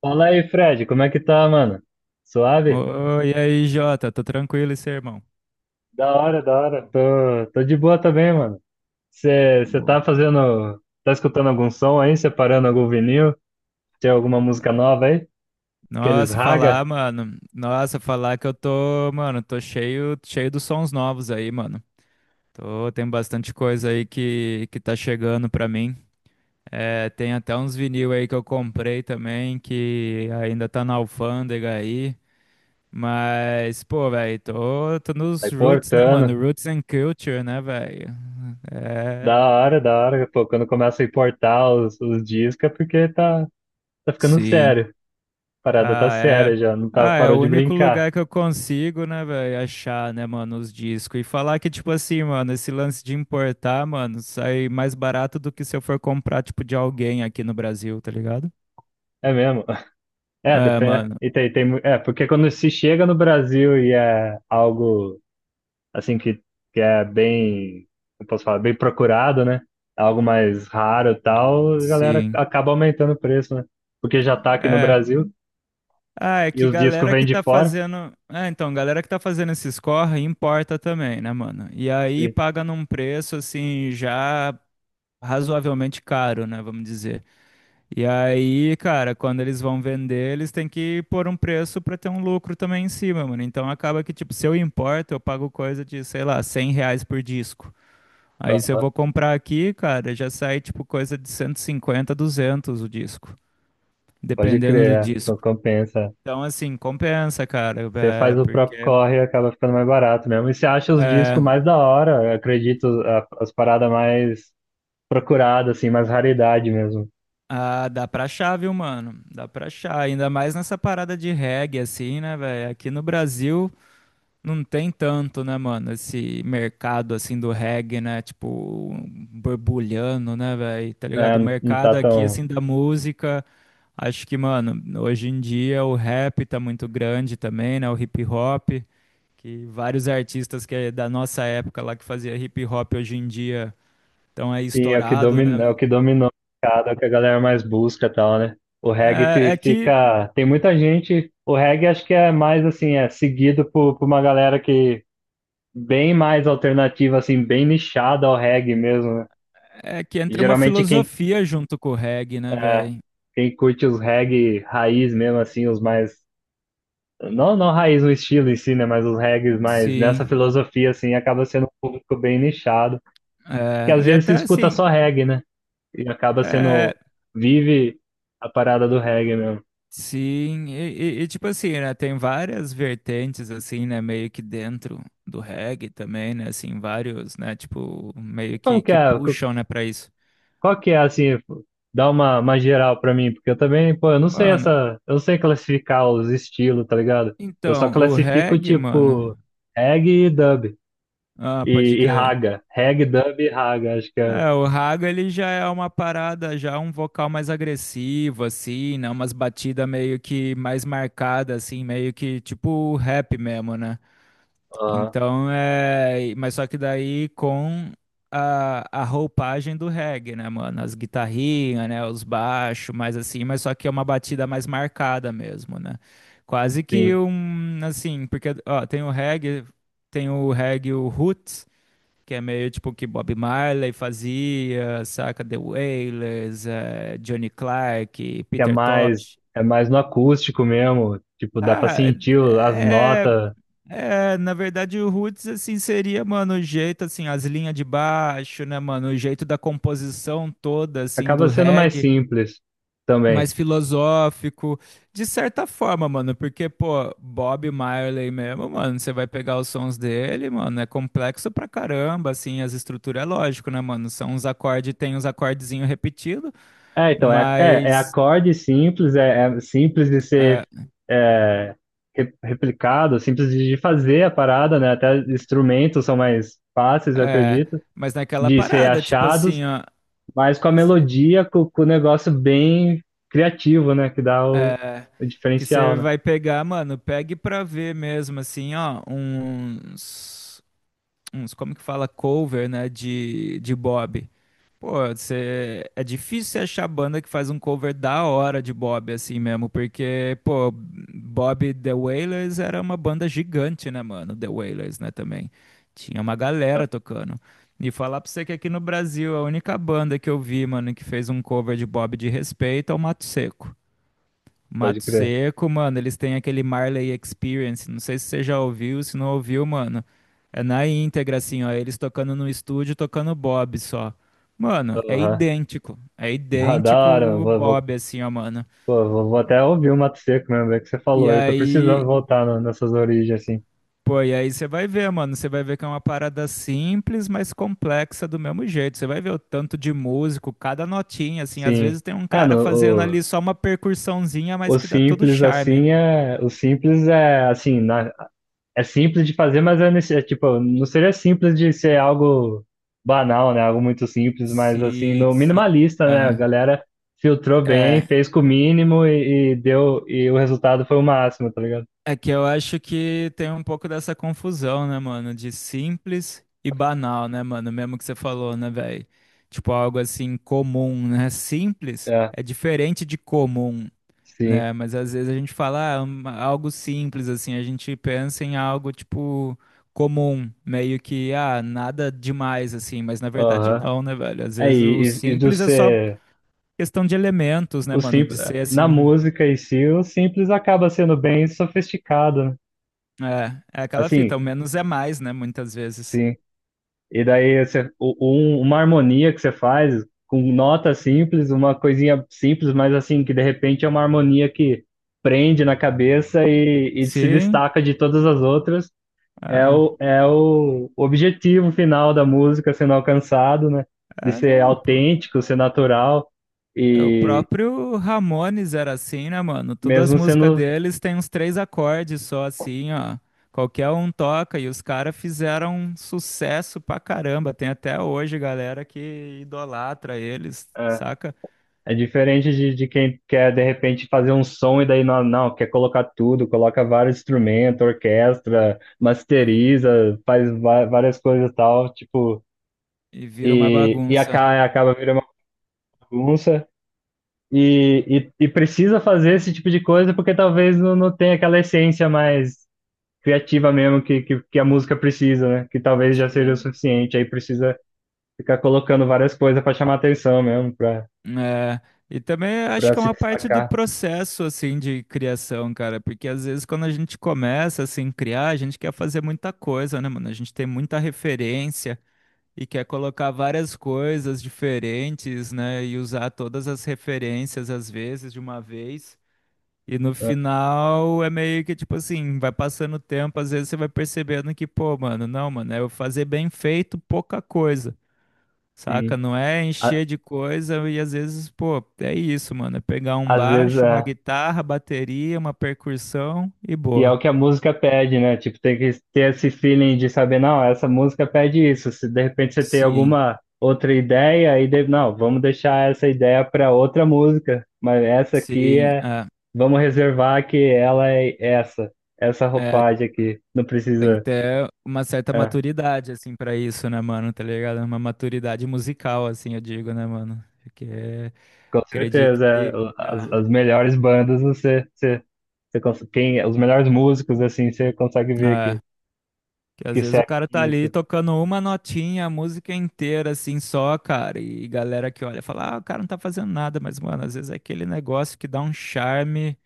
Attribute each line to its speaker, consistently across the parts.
Speaker 1: Fala aí, Fred, como é que tá, mano? Suave?
Speaker 2: Oi, e aí, Jota, tô tranquilo e seu irmão?
Speaker 1: Da hora, da hora. Tô de boa também, mano. Você
Speaker 2: Boa.
Speaker 1: tá fazendo. Tá escutando algum som aí? Separando algum vinil? Tem alguma música nova aí? Aqueles
Speaker 2: Nossa,
Speaker 1: raga?
Speaker 2: falar, mano. Nossa, falar que eu tô, mano, tô cheio dos sons novos aí, mano. Tô, tem bastante coisa aí que tá chegando pra mim. É, tem até uns vinil aí que eu comprei também, que ainda tá na alfândega aí. Mas, pô, velho, tô
Speaker 1: Tá
Speaker 2: nos roots, né, mano?
Speaker 1: importando.
Speaker 2: Roots and culture, né, velho?
Speaker 1: Da
Speaker 2: É,
Speaker 1: hora,
Speaker 2: meio-
Speaker 1: da hora. Pô, quando começa a importar os discos é porque tá ficando
Speaker 2: sim.
Speaker 1: sério. A parada tá
Speaker 2: Ah, é.
Speaker 1: séria já, não tá,
Speaker 2: Ah, é
Speaker 1: parou
Speaker 2: o
Speaker 1: de
Speaker 2: único
Speaker 1: brincar.
Speaker 2: lugar que eu consigo, né, velho, achar, né, mano, os discos. E falar que, tipo assim, mano, esse lance de importar, mano, sai mais barato do que se eu for comprar, tipo, de alguém aqui no Brasil, tá ligado?
Speaker 1: É mesmo? É,
Speaker 2: É,
Speaker 1: depende.
Speaker 2: mano,
Speaker 1: E tem, porque quando se chega no Brasil e é algo. Assim, que é bem, eu posso falar, bem procurado, né? Algo mais raro e tal, a galera
Speaker 2: sim.
Speaker 1: acaba aumentando o preço, né? Porque já tá aqui no
Speaker 2: É.
Speaker 1: Brasil
Speaker 2: Ah, é
Speaker 1: e
Speaker 2: que
Speaker 1: os discos
Speaker 2: galera
Speaker 1: vêm
Speaker 2: que
Speaker 1: de
Speaker 2: tá
Speaker 1: fora.
Speaker 2: fazendo. É, então, galera que tá fazendo esses corre importa também, né, mano? E aí
Speaker 1: Sim.
Speaker 2: paga num preço, assim, já razoavelmente caro, né, vamos dizer. E aí, cara, quando eles vão vender, eles têm que pôr um preço pra ter um lucro também em cima, mano. Então acaba que, tipo, se eu importo, eu pago coisa de, sei lá, 100 reais por disco. Aí se eu
Speaker 1: Aham.
Speaker 2: vou comprar aqui, cara, já sai, tipo, coisa de 150, 200 o disco,
Speaker 1: Pode
Speaker 2: dependendo
Speaker 1: crer,
Speaker 2: do
Speaker 1: é.
Speaker 2: disco.
Speaker 1: Compensa.
Speaker 2: Então, assim, compensa, cara,
Speaker 1: Você
Speaker 2: é,
Speaker 1: faz o
Speaker 2: porque
Speaker 1: próprio corre e acaba ficando mais barato mesmo. E você acha os
Speaker 2: é,
Speaker 1: discos mais da hora, eu acredito, as paradas mais procuradas, assim, mais raridade mesmo.
Speaker 2: ah, dá pra achar, viu, mano? Dá pra achar, ainda mais nessa parada de reggae, assim, né, velho? Aqui no Brasil. Não tem tanto, né, mano? Esse mercado assim do reggae, né? Tipo, borbulhando, né, velho? Tá ligado?
Speaker 1: É,
Speaker 2: O
Speaker 1: não tá
Speaker 2: mercado aqui,
Speaker 1: tão.
Speaker 2: assim, da música, acho que, mano, hoje em dia o rap tá muito grande também, né? O hip hop, que vários artistas que é da nossa época lá que fazia hip hop hoje em dia estão aí
Speaker 1: Sim, é o que
Speaker 2: estourado,
Speaker 1: domina,
Speaker 2: né?
Speaker 1: é o que dominou o mercado, é o que a galera mais busca e tal, né? O reggae
Speaker 2: É, é que
Speaker 1: fica. Tem muita gente. O reggae acho que é mais assim, é seguido por uma galera que bem mais alternativa, assim, bem nichada ao reggae mesmo, né?
Speaker 2: é que
Speaker 1: E
Speaker 2: entra uma
Speaker 1: geralmente
Speaker 2: filosofia junto com o reggae, né,
Speaker 1: é,
Speaker 2: velho?
Speaker 1: quem curte os reggae raiz mesmo, assim, os mais. Não, não raiz o estilo em si, né? Mas os reggae mais nessa
Speaker 2: Sim.
Speaker 1: filosofia, assim, acaba sendo um público bem nichado. Que
Speaker 2: É,
Speaker 1: às
Speaker 2: e
Speaker 1: vezes se
Speaker 2: até
Speaker 1: escuta
Speaker 2: assim.
Speaker 1: só reggae, né? E acaba
Speaker 2: É,
Speaker 1: sendo, vive a parada do reggae mesmo.
Speaker 2: Sim, e, tipo assim, né, tem várias vertentes, assim, né, meio que dentro do reggae também, né, assim, vários, né, tipo,
Speaker 1: E
Speaker 2: meio
Speaker 1: como que
Speaker 2: que
Speaker 1: é?
Speaker 2: puxam, né, pra isso.
Speaker 1: Qual que é, assim, dá uma geral pra mim, porque eu também, pô, eu não sei
Speaker 2: Mano,
Speaker 1: essa, eu não sei classificar os estilos, tá ligado? Eu só
Speaker 2: então, o
Speaker 1: classifico,
Speaker 2: reggae,
Speaker 1: tipo,
Speaker 2: mano,
Speaker 1: reggae e dub,
Speaker 2: ah, pode
Speaker 1: e
Speaker 2: crer.
Speaker 1: raga, reggae, dub e raga, acho que é,
Speaker 2: É, o raga, ele já é uma parada, já um vocal mais agressivo, assim, né, umas batidas meio que mais marcadas, assim, meio que tipo rap mesmo, né.
Speaker 1: ah,
Speaker 2: Então é. Mas só que daí com a roupagem do reggae, né, mano? As guitarrinhas, né? Os baixos, mais assim, mas só que é uma batida mais marcada mesmo, né? Quase que
Speaker 1: sim,
Speaker 2: um. Assim, porque, ó, tem o reggae, o roots, que é meio tipo o que Bob Marley fazia, saca? The Wailers, Johnny Clark,
Speaker 1: que
Speaker 2: Peter Tosh.
Speaker 1: é mais no acústico mesmo, tipo, dá pra
Speaker 2: Ah,
Speaker 1: sentir as
Speaker 2: é,
Speaker 1: notas,
Speaker 2: é, na verdade o roots assim seria, mano, o jeito assim, as linhas de baixo, né, mano, o jeito da composição toda assim
Speaker 1: acaba
Speaker 2: do
Speaker 1: sendo mais
Speaker 2: reggae,
Speaker 1: simples também.
Speaker 2: mais filosófico, de certa forma, mano, porque pô, Bob Marley mesmo, mano, você vai pegar os sons dele, mano, é complexo pra caramba, assim, as estruturas é lógico, né, mano, são uns acordes, tem uns acordezinho repetido,
Speaker 1: É, então, é
Speaker 2: mas
Speaker 1: acorde simples, é simples de
Speaker 2: é,
Speaker 1: ser é, replicado, simples de fazer a parada, né? Até instrumentos são mais fáceis, eu
Speaker 2: é,
Speaker 1: acredito,
Speaker 2: mas naquela
Speaker 1: de ser
Speaker 2: parada, tipo
Speaker 1: achados,
Speaker 2: assim, ó,
Speaker 1: mas com a melodia, com o negócio bem criativo, né? Que dá
Speaker 2: É,
Speaker 1: o
Speaker 2: que
Speaker 1: diferencial,
Speaker 2: você
Speaker 1: né?
Speaker 2: vai pegar, mano, pegue pra ver mesmo, assim, ó, uns, como que fala, cover, né, de Bob. Pô, você, é difícil você achar banda que faz um cover da hora de Bob, assim mesmo, porque, pô, Bob The Wailers era uma banda gigante, né, mano, The Wailers, né, também. Tinha uma galera tocando. E falar pra você que aqui no Brasil, a única banda que eu vi, mano, que fez um cover de Bob de respeito é o Mato Seco.
Speaker 1: Pode
Speaker 2: Mato
Speaker 1: crer.
Speaker 2: Seco, mano, eles têm aquele Marley Experience. Não sei se você já ouviu, se não ouviu, mano. É na íntegra, assim, ó. Eles tocando no estúdio, tocando Bob só. Mano, é
Speaker 1: Aham.
Speaker 2: idêntico. É
Speaker 1: Da
Speaker 2: idêntico
Speaker 1: hora, mano.
Speaker 2: o Bob, assim, ó, mano.
Speaker 1: Vou até ouvir o Mato Seco mesmo, é que você falou
Speaker 2: E
Speaker 1: aí, tô precisando
Speaker 2: aí,
Speaker 1: voltar nessas origens, assim.
Speaker 2: pô, e aí você vai ver, mano. Você vai ver que é uma parada simples, mas complexa do mesmo jeito. Você vai ver o tanto de músico, cada notinha, assim. Às
Speaker 1: Sim.
Speaker 2: vezes tem um
Speaker 1: É, no,
Speaker 2: cara fazendo
Speaker 1: o-
Speaker 2: ali só uma percussãozinha, mas
Speaker 1: O
Speaker 2: que dá todo
Speaker 1: simples
Speaker 2: charme.
Speaker 1: assim é, o simples é assim, na- é simples de fazer, mas é, não seria simples de ser algo banal, né? Algo muito simples, mas assim,
Speaker 2: Se,
Speaker 1: no
Speaker 2: se,
Speaker 1: minimalista, né? A
Speaker 2: é.
Speaker 1: galera filtrou bem,
Speaker 2: É,
Speaker 1: fez com o mínimo e deu e o resultado foi o máximo, tá ligado?
Speaker 2: é que eu acho que tem um pouco dessa confusão, né, mano? De simples e banal, né, mano? Mesmo que você falou, né, velho? Tipo, algo assim comum, né? Simples
Speaker 1: É,
Speaker 2: é diferente de comum,
Speaker 1: sim.
Speaker 2: né? Mas às vezes a gente fala, ah, um- algo simples, assim, a gente pensa em algo, tipo, comum, meio que, ah, nada demais, assim, mas na verdade
Speaker 1: Aham.
Speaker 2: não, né, velho? Às vezes o
Speaker 1: Aí, e do
Speaker 2: simples é só
Speaker 1: ser
Speaker 2: questão de elementos, né,
Speaker 1: o
Speaker 2: mano?
Speaker 1: simples,
Speaker 2: De ser
Speaker 1: na
Speaker 2: assim.
Speaker 1: música em si, o simples acaba sendo bem sofisticado, né?
Speaker 2: É, é aquela
Speaker 1: Assim,
Speaker 2: fita, o menos é mais, né? Muitas vezes.
Speaker 1: sim. E daí você, uma harmonia que você faz com nota simples, uma coisinha simples, mas assim, que de repente é uma harmonia que prende na cabeça e se
Speaker 2: Sim,
Speaker 1: destaca de todas as outras,
Speaker 2: é,
Speaker 1: é o objetivo final da música sendo alcançado, né? De
Speaker 2: é
Speaker 1: ser
Speaker 2: não. Pô.
Speaker 1: autêntico, ser natural
Speaker 2: É, o
Speaker 1: e
Speaker 2: próprio Ramones era assim, né, mano? Todas as
Speaker 1: mesmo
Speaker 2: músicas
Speaker 1: sendo.
Speaker 2: deles têm uns três acordes só, assim, ó. Qualquer um toca e os caras fizeram um sucesso pra caramba. Tem até hoje galera que idolatra eles,
Speaker 1: É,
Speaker 2: saca?
Speaker 1: É diferente de quem quer, de repente, fazer um som e daí não quer colocar tudo, coloca vários instrumentos, orquestra, masteriza, faz várias coisas e tal, tipo,
Speaker 2: E vira uma bagunça.
Speaker 1: acaba virando uma bagunça. E, e precisa fazer esse tipo de coisa porque talvez não tenha aquela essência mais criativa mesmo que a música precisa, né? Que talvez já seja o
Speaker 2: Sim.
Speaker 1: suficiente. Aí precisa ficar colocando várias coisas para chamar atenção mesmo,
Speaker 2: É, e também acho
Speaker 1: para
Speaker 2: que é
Speaker 1: se
Speaker 2: uma parte do
Speaker 1: destacar.
Speaker 2: processo assim de criação, cara, porque às vezes quando a gente começa assim a criar, a gente quer fazer muita coisa, né, mano? A gente tem muita referência e quer colocar várias coisas diferentes, né, e usar todas as referências às vezes de uma vez. E no final é meio que tipo assim, vai passando o tempo, às vezes você vai percebendo que, pô, mano, não, mano, é eu fazer bem feito pouca coisa. Saca?
Speaker 1: Assim.
Speaker 2: Não é encher de coisa e às vezes, pô, é isso, mano. É pegar um
Speaker 1: Às vezes
Speaker 2: baixo, uma
Speaker 1: é.
Speaker 2: guitarra, bateria, uma percussão e
Speaker 1: E é
Speaker 2: boa.
Speaker 1: o que a música pede, né? Tipo, tem que ter esse feeling de saber, não, essa música pede isso. Se de repente você tem
Speaker 2: Sim,
Speaker 1: alguma outra ideia, aí deve, não, vamos deixar essa ideia para outra música, mas essa aqui
Speaker 2: sim.
Speaker 1: é, vamos reservar que ela é essa, essa
Speaker 2: É,
Speaker 1: roupagem aqui. Não
Speaker 2: tem que
Speaker 1: precisa.
Speaker 2: ter uma certa
Speaker 1: É,
Speaker 2: maturidade, assim, pra isso, né, mano? Tá ligado? Uma maturidade musical, assim, eu digo, né, mano? Porque
Speaker 1: com
Speaker 2: acredito
Speaker 1: certeza, é,
Speaker 2: que. É,
Speaker 1: as melhores bandas você, os melhores músicos assim, você consegue ver que
Speaker 2: é. Que às vezes o
Speaker 1: segue
Speaker 2: cara tá
Speaker 1: isso.
Speaker 2: ali tocando uma notinha, a música inteira, assim, só, cara. E galera que olha fala, ah, o cara não tá fazendo nada, mas, mano, às vezes é aquele negócio que dá um charme,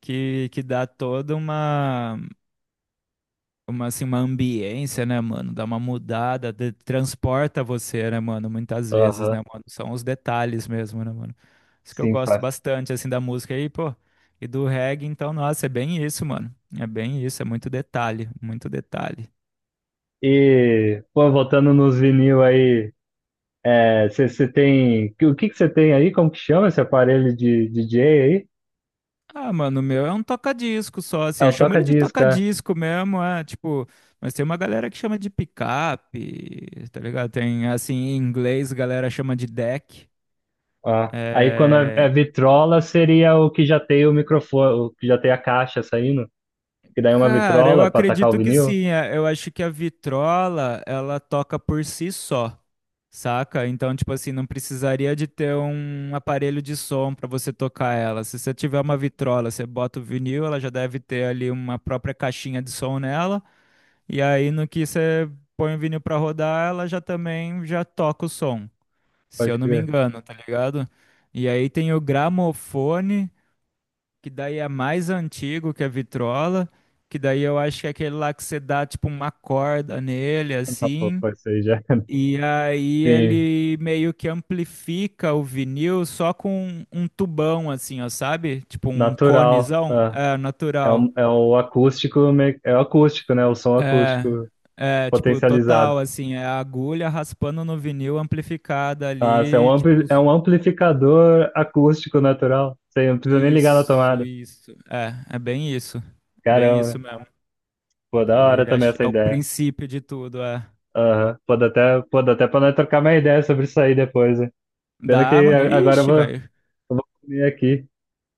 Speaker 2: que dá toda uma, assim, uma ambiência, né, mano? Dá uma mudada, de- transporta você, né, mano? Muitas vezes, né,
Speaker 1: Aham.
Speaker 2: mano? São os detalhes mesmo, né, mano? Isso que eu
Speaker 1: Sim,
Speaker 2: gosto bastante, assim, da música aí, pô. E do reggae, então, nossa, é bem isso, mano. É bem isso, é muito detalhe, muito detalhe.
Speaker 1: e, pô, voltando nos vinil aí, você tem. O que que você tem aí? Como que chama esse aparelho de DJ aí?
Speaker 2: Ah, mano, o meu é um toca-disco só,
Speaker 1: É
Speaker 2: assim.
Speaker 1: o
Speaker 2: Eu chamo ele de
Speaker 1: toca-disco, é.
Speaker 2: toca-disco mesmo, é, tipo. Mas tem uma galera que chama de picape, tá ligado? Tem, assim, em inglês, a galera chama de deck.
Speaker 1: Ó. Aí quando é,
Speaker 2: É,
Speaker 1: é vitrola, seria o que já tem o microfone, o que já tem a caixa saindo, que daí é uma
Speaker 2: cara, eu
Speaker 1: vitrola para atacar o
Speaker 2: acredito que
Speaker 1: vinil.
Speaker 2: sim. É, eu acho que a vitrola, ela toca por si só, saca? Então, tipo assim, não precisaria de ter um aparelho de som pra você tocar ela. Se você tiver uma vitrola, você bota o vinil, ela já deve ter ali uma própria caixinha de som nela. E aí, no que você põe o vinil pra rodar, ela já também já toca o som, se
Speaker 1: Pode
Speaker 2: eu não me
Speaker 1: crer.
Speaker 2: engano, tá ligado? E aí tem o gramofone, que daí é mais antigo que a vitrola, que daí eu acho que é aquele lá que você dá tipo uma corda nele,
Speaker 1: Ah, pô,
Speaker 2: assim.
Speaker 1: pô, isso aí já.
Speaker 2: E aí
Speaker 1: Sim,
Speaker 2: ele meio que amplifica o vinil só com um tubão, assim, ó, sabe? Tipo um
Speaker 1: natural.
Speaker 2: conezão,
Speaker 1: Ah.
Speaker 2: é,
Speaker 1: É,
Speaker 2: natural.
Speaker 1: o, é o acústico, é o acústico, né? O som
Speaker 2: É,
Speaker 1: acústico
Speaker 2: é, tipo,
Speaker 1: potencializado.
Speaker 2: total, assim, é a agulha raspando no vinil amplificada
Speaker 1: Nossa, é um
Speaker 2: ali, tipo,
Speaker 1: é um amplificador acústico natural. Você não precisa nem ligar na
Speaker 2: isso,
Speaker 1: tomada.
Speaker 2: isso. É, é bem isso. Bem
Speaker 1: Caramba,
Speaker 2: isso mesmo.
Speaker 1: pô, da
Speaker 2: Que
Speaker 1: hora também
Speaker 2: é,
Speaker 1: essa
Speaker 2: é o
Speaker 1: ideia.
Speaker 2: princípio de tudo, é.
Speaker 1: Aham, pode até, pode até pra nós trocar uma ideia sobre isso aí depois, hein? Pena
Speaker 2: Dá,
Speaker 1: que
Speaker 2: mano.
Speaker 1: agora
Speaker 2: Ixi,
Speaker 1: eu
Speaker 2: velho.
Speaker 1: vou comer aqui.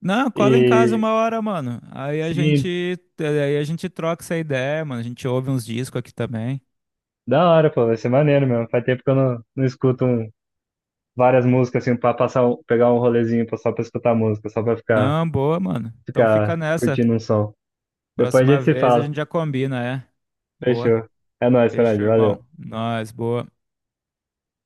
Speaker 2: Não, cola em casa
Speaker 1: E
Speaker 2: uma hora, mano.
Speaker 1: sim,
Speaker 2: Aí a gente troca essa ideia, mano. A gente ouve uns discos aqui também.
Speaker 1: da hora, pô, vai ser maneiro mesmo. Faz tempo que eu não escuto várias músicas assim pra passar, pegar um rolezinho só pra escutar música, só pra
Speaker 2: Não, boa, mano. Então fica
Speaker 1: ficar
Speaker 2: nessa.
Speaker 1: curtindo um som. Depois a
Speaker 2: Próxima
Speaker 1: gente se
Speaker 2: vez a
Speaker 1: fala.
Speaker 2: gente já combina, é. Boa.
Speaker 1: Fechou. É nóis, Fred,
Speaker 2: Fechou,
Speaker 1: valeu.
Speaker 2: irmão. Nós, boa.